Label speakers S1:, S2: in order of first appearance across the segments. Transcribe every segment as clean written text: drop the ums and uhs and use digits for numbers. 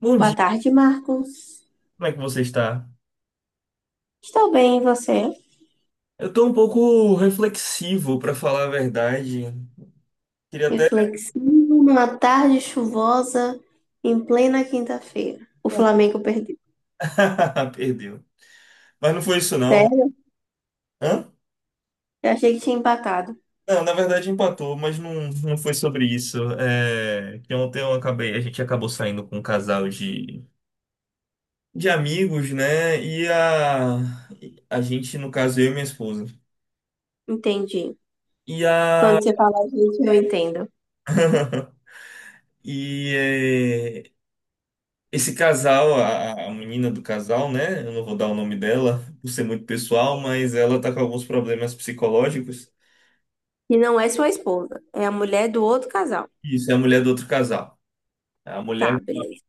S1: Bom
S2: Boa
S1: dia,
S2: tarde, Marcos.
S1: como é que você está?
S2: Estou bem, e você?
S1: Eu tô um pouco reflexivo, para falar a verdade. Queria até.
S2: Reflexivo numa tarde chuvosa em plena quinta-feira. O Flamengo perdeu.
S1: Perdeu. Mas não foi isso, não.
S2: Sério?
S1: Hã?
S2: Eu achei que tinha empatado.
S1: Não, na verdade empatou, mas não, não foi sobre isso. É que ontem eu acabei, a gente acabou saindo com um casal de amigos, né? A gente, no caso, eu e minha esposa.
S2: Entendi.
S1: E a.
S2: Quando você fala gente, eu entendo.
S1: E é, Esse casal, a menina do casal, né? Eu não vou dar o nome dela, por ser muito pessoal, mas ela tá com alguns problemas psicológicos.
S2: E não é sua esposa, é a mulher do outro casal.
S1: Isso é a mulher do outro casal. É A
S2: Tá,
S1: mulher,
S2: beleza.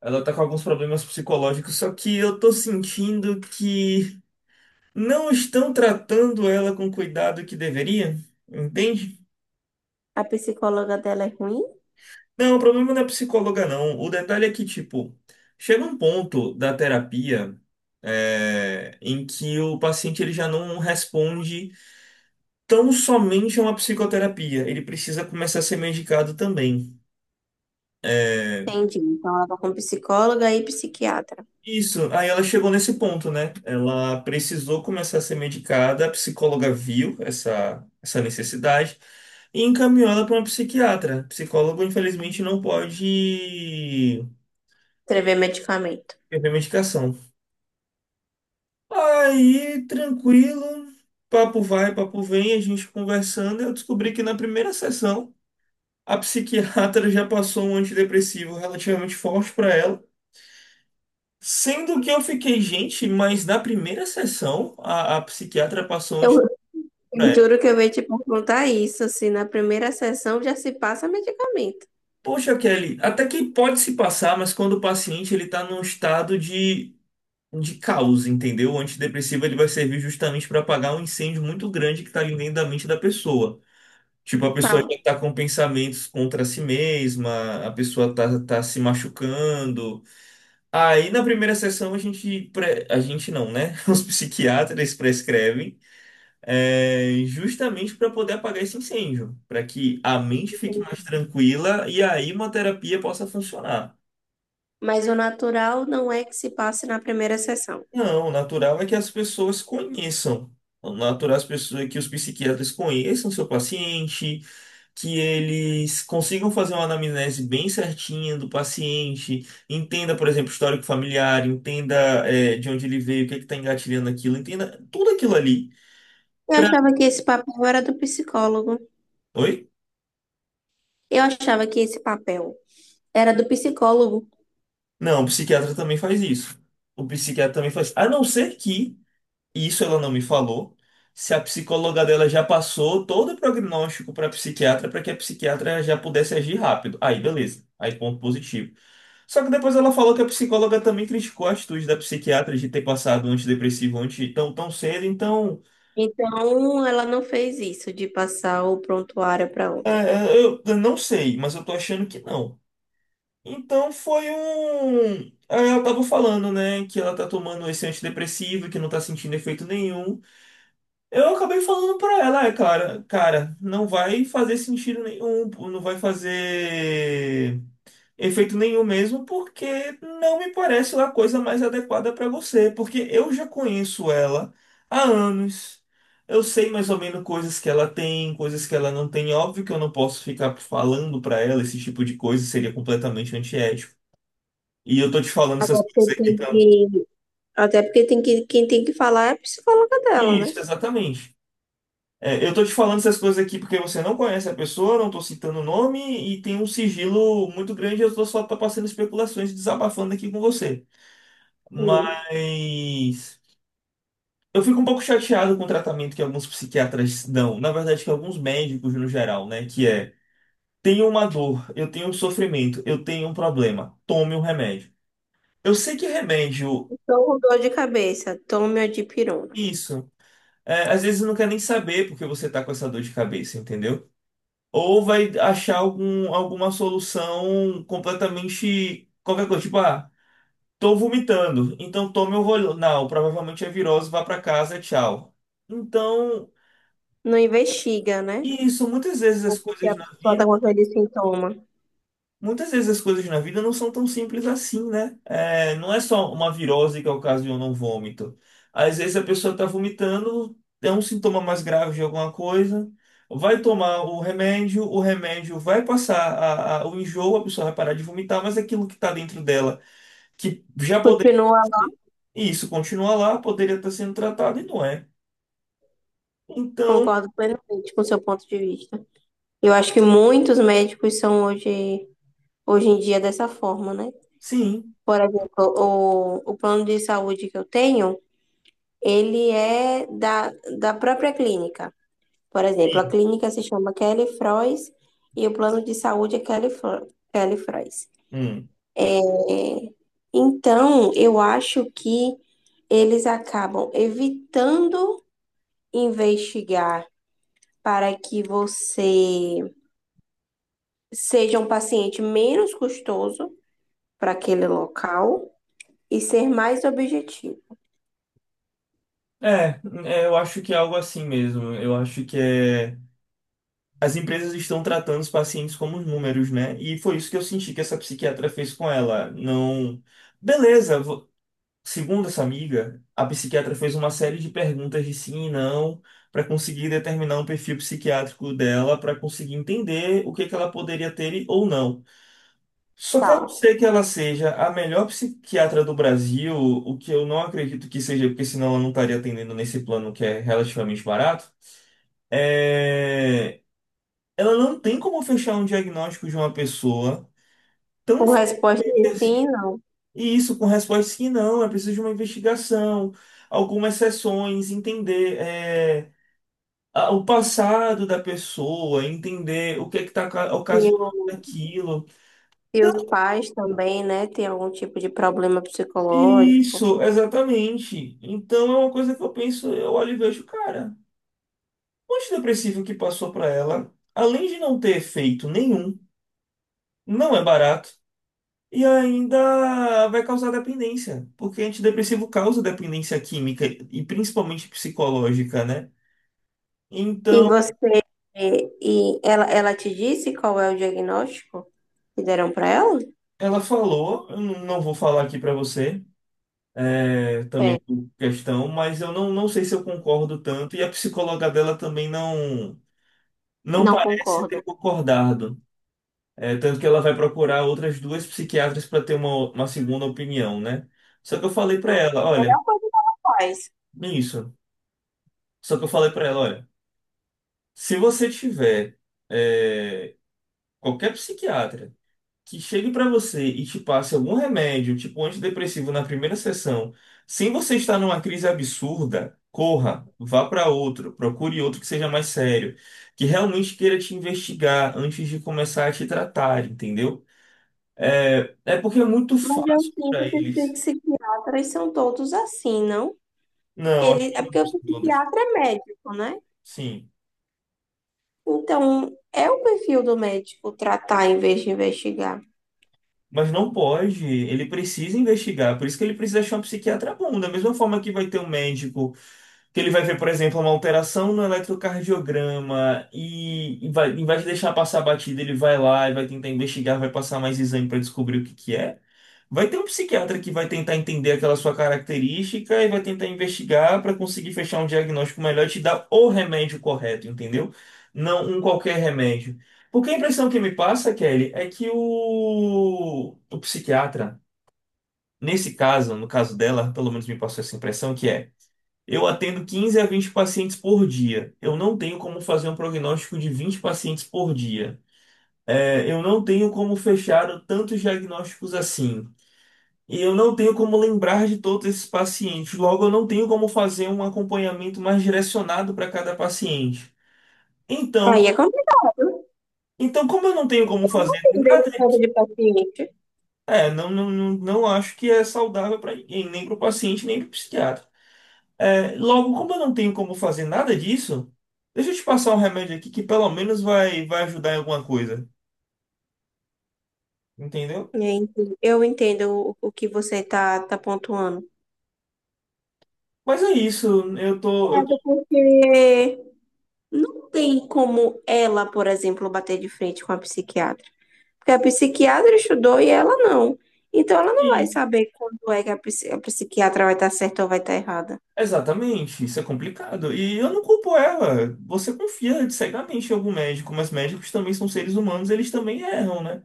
S1: ela tá com alguns problemas psicológicos, só que eu tô sentindo que não estão tratando ela com o cuidado que deveria, entende?
S2: A psicóloga dela é ruim?
S1: Não, o problema não é psicóloga, não. O detalhe é que, tipo, chega um ponto da terapia, em que o paciente ele já não responde tão somente uma psicoterapia. Ele precisa começar a ser medicado também. É,
S2: Entendi. Então ela tá com psicóloga e psiquiatra.
S1: Isso, aí ela chegou nesse ponto, né? Ela precisou começar a ser medicada, a psicóloga viu essa necessidade e encaminhou ela para uma psiquiatra. Psicólogo, infelizmente, não pode
S2: Escrever medicamento.
S1: prescrever medicação. Aí, tranquilo, papo vai, papo vem, a gente conversando, eu descobri que na primeira sessão a psiquiatra já passou um antidepressivo relativamente forte para ela. Sendo que eu fiquei, gente, mas na primeira sessão a psiquiatra passou um
S2: Eu,
S1: estudo pra
S2: eu
S1: ela.
S2: juro que eu ia te perguntar isso, se na primeira sessão já se passa medicamento.
S1: Poxa, Kelly, até que pode se passar, mas quando o paciente ele tá num estado de caos, entendeu? O antidepressivo ele vai servir justamente para apagar um incêndio muito grande que tá ali dentro da mente da pessoa. Tipo, a pessoa
S2: Tá.
S1: já tá com pensamentos contra si mesma, a pessoa tá se machucando. Aí na primeira sessão a gente, a gente não, né? Os psiquiatras prescrevem. Justamente para poder apagar esse incêndio, para que a mente fique mais tranquila e a imunoterapia possa funcionar.
S2: Mas o natural não é que se passe na primeira sessão.
S1: Não, o natural é que as pessoas conheçam. O natural é as pessoas, é que os psiquiatras conheçam seu paciente, que eles consigam fazer uma anamnese bem certinha do paciente, entenda, por exemplo, o histórico familiar, entenda, de onde ele veio, o que está engatilhando aquilo, entenda tudo aquilo ali.
S2: Eu
S1: Pra...
S2: achava que esse papel era do psicólogo.
S1: Oi?
S2: Eu achava que esse papel era do psicólogo.
S1: Não, o psiquiatra também faz isso. O psiquiatra também faz. A não ser que, e isso ela não me falou, se a psicóloga dela já passou todo o prognóstico para a psiquiatra para que a psiquiatra já pudesse agir rápido. Aí, beleza. Aí, ponto positivo. Só que depois ela falou que a psicóloga também criticou a atitude da psiquiatra de ter passado antidepressivo anti tão, tão cedo. Então,
S2: Então, ela não fez isso de passar o prontuário para outra.
S1: eu não sei, mas eu tô achando que não. Então foi um. Aí Ela tava falando, né, que ela tá tomando esse antidepressivo, que não tá sentindo efeito nenhum. Eu acabei falando pra ela, cara, não vai fazer sentido nenhum, não vai fazer efeito nenhum mesmo, porque não me parece a coisa mais adequada pra você, porque eu já conheço ela há anos. Eu sei mais ou menos coisas que ela tem, coisas que ela não tem. Óbvio que eu não posso ficar falando pra ela esse tipo de coisa, seria completamente antiético. E eu tô te falando
S2: Até
S1: essas coisas aqui, então.
S2: porque, até porque tem que, quem tem que falar é a psicóloga dela, né?
S1: Isso, exatamente. É, eu tô te falando essas coisas aqui porque você não conhece a pessoa, não tô citando o nome e tem um sigilo muito grande. Eu tô só tô passando especulações, e desabafando aqui com você.
S2: Sim.
S1: Mas eu fico um pouco chateado com o tratamento que alguns psiquiatras dão, na verdade, que alguns médicos no geral, né? Que é: tenho uma dor, eu tenho um sofrimento, eu tenho um problema, tome um remédio. Eu sei que remédio,
S2: Então, com dor de cabeça, tome a dipirona.
S1: isso, às vezes não quer nem saber porque você tá com essa dor de cabeça, entendeu? Ou vai achar algum, alguma solução completamente qualquer coisa, tipo, ah, tô vomitando, então tome o Rolinal, provavelmente é virose, vá pra casa, tchau. Então,
S2: Não investiga, né?
S1: isso,
S2: Ou porque a pessoa está com aquele sintoma.
S1: Muitas vezes as coisas na vida não são tão simples assim, né? É, não é só uma virose que ocasiona um vômito. Às vezes a pessoa está vomitando, é um sintoma mais grave de alguma coisa, vai tomar o remédio vai passar o enjoo, a pessoa vai parar de vomitar, mas aquilo que está dentro dela, que já poderia.
S2: Continua,
S1: Isso continua lá, poderia estar sendo tratado e não é. Então,
S2: concordo plenamente com o seu ponto de vista. Eu acho que muitos médicos são hoje em dia dessa forma, né?
S1: sim.
S2: Por exemplo, o plano de saúde que eu tenho, ele é da própria clínica. Por exemplo, a clínica se chama Kelly Frois e o plano de saúde é Kelly, Kelly Frois.
S1: Hum.
S2: É, então, eu acho que eles acabam evitando investigar para que você seja um paciente menos custoso para aquele local e ser mais objetivo.
S1: É, eu acho que é algo assim mesmo. Eu acho que é. As empresas estão tratando os pacientes como números, né? E foi isso que eu senti que essa psiquiatra fez com ela. Não. Beleza, segundo essa amiga, a psiquiatra fez uma série de perguntas de sim e não para conseguir determinar um perfil psiquiátrico dela, para conseguir entender o que que ela poderia ter ou não. Só que a não
S2: Tá.
S1: ser que ela seja a melhor psiquiatra do Brasil, o que eu não acredito que seja, porque senão ela não estaria atendendo nesse plano que é relativamente barato. É Ela não tem como fechar um diagnóstico de uma pessoa tão
S2: Com resposta
S1: facilmente
S2: de sim,
S1: assim.
S2: não.
S1: E isso com respostas que não, é preciso de uma investigação, algumas sessões, entender o passado da pessoa, entender o que é que está
S2: E,
S1: ocasionando
S2: o-
S1: aquilo.
S2: e
S1: Então,
S2: os pais também, né, tem algum tipo de problema psicológico.
S1: Isso, exatamente. Então é uma coisa que eu penso, eu olho e vejo, cara, o antidepressivo que passou para ela, além de não ter efeito nenhum, não é barato. E ainda vai causar dependência, porque antidepressivo causa dependência química e principalmente psicológica, né?
S2: E
S1: Então,
S2: você, e ela te disse qual é o diagnóstico que deram para ela?
S1: ela falou, eu não vou falar aqui pra você, também
S2: É,
S1: por questão, mas eu não, não sei se eu concordo tanto, e a psicóloga dela também não, não
S2: não
S1: parece ter
S2: concorda.
S1: concordado. É, tanto que ela vai procurar outras duas psiquiatras para ter uma segunda opinião, né? Só que eu falei pra ela, olha,
S2: Melhor coisa faz.
S1: isso. Só que eu falei pra ela, olha. Se você tiver é, qualquer psiquiatra que chegue para você e te passe algum remédio, tipo antidepressivo na primeira sessão, sem você estar numa crise absurda, corra, vá para outro, procure outro que seja mais sério, que realmente queira te investigar antes de começar a te tratar, entendeu? É porque é muito
S2: Mas eu
S1: fácil para
S2: sinto que os
S1: eles.
S2: psiquiatras são todos assim, não?
S1: Não, acho que
S2: É porque o
S1: não todos.
S2: psiquiatra é médico, né?
S1: Sim.
S2: Então, é o perfil do médico tratar em vez de investigar.
S1: Mas não pode, ele precisa investigar, por isso que ele precisa achar um psiquiatra bom. Da mesma forma que vai ter um médico que ele vai ver, por exemplo, uma alteração no eletrocardiograma e vai, em vez de deixar passar a batida, ele vai lá e vai tentar investigar, vai passar mais exame para descobrir o que que é. Vai ter um psiquiatra que vai tentar entender aquela sua característica e vai tentar investigar para conseguir fechar um diagnóstico melhor e te dar o remédio correto, entendeu? Não um qualquer remédio. Porque a impressão que me passa, Kelly, é que o psiquiatra, nesse caso, no caso dela, pelo menos me passou essa impressão, que é eu atendo 15 a 20 pacientes por dia. Eu não tenho como fazer um prognóstico de 20 pacientes por dia. É, eu não tenho como fechar tantos diagnósticos assim. E eu não tenho como lembrar de todos esses pacientes. Logo, eu não tenho como fazer um acompanhamento mais direcionado para cada paciente.
S2: Aí
S1: Então,
S2: é complicado.
S1: como eu não tenho como
S2: Eu não
S1: fazer
S2: entendo esse
S1: nada,
S2: tipo de paciente.
S1: não acho que é saudável para ninguém, nem para o paciente, nem para o psiquiatra. É, logo, como eu não tenho como fazer nada disso, deixa eu te passar um remédio aqui que pelo menos vai ajudar em alguma coisa, entendeu?
S2: Gente, eu entendo o que você tá pontuando.
S1: Mas é isso, eu tô
S2: Complicado, porque não tem como ela, por exemplo, bater de frente com a psiquiatra. Porque a psiquiatra estudou e ela não. Então ela não vai
S1: aqui.
S2: saber quando é que a psiquiatra vai estar certa ou vai estar errada.
S1: Exatamente, isso é complicado. E eu não culpo ela. Você confia cegamente em algum médico, mas médicos também são seres humanos, eles também erram, né?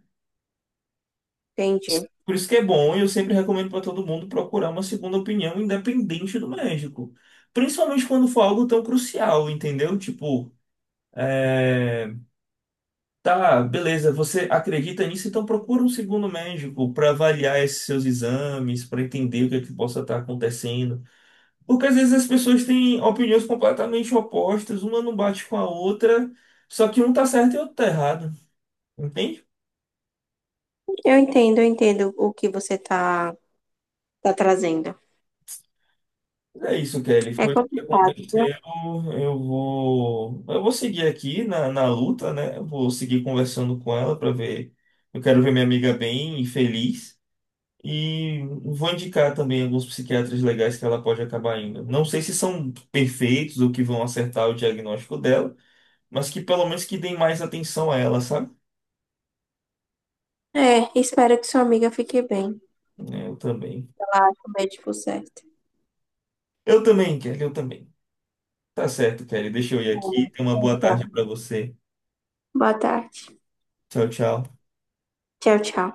S2: Entendi.
S1: Por isso que é bom, e eu sempre recomendo para todo mundo procurar uma segunda opinião independente do médico. Principalmente quando for algo tão crucial, entendeu? Tipo, é, Tá, beleza. Você acredita nisso? Então procura um segundo médico para avaliar esses seus exames, para entender o que é que possa estar acontecendo. Porque às vezes as pessoas têm opiniões completamente opostas, uma não bate com a outra, só que um tá certo e o outro tá errado. Entende?
S2: Eu entendo o que você tá trazendo.
S1: É isso, Kelly.
S2: É
S1: Foi o que
S2: complicado, viu?
S1: aconteceu. Eu vou seguir aqui na luta, né? Eu vou seguir conversando com ela para ver. Eu quero ver minha amiga bem e feliz. E vou indicar também alguns psiquiatras legais que ela pode acabar indo. Não sei se são perfeitos ou que vão acertar o diagnóstico dela, mas que pelo menos que deem mais atenção a ela, sabe?
S2: É, espero que sua amiga fique bem.
S1: Eu também.
S2: Ela ache o médico certo.
S1: Eu também, Kelly, eu também. Tá certo, Kelly. Deixa eu ir aqui. Tenha uma boa tarde pra você.
S2: Boa tarde.
S1: Tchau, tchau.
S2: Tchau, tchau.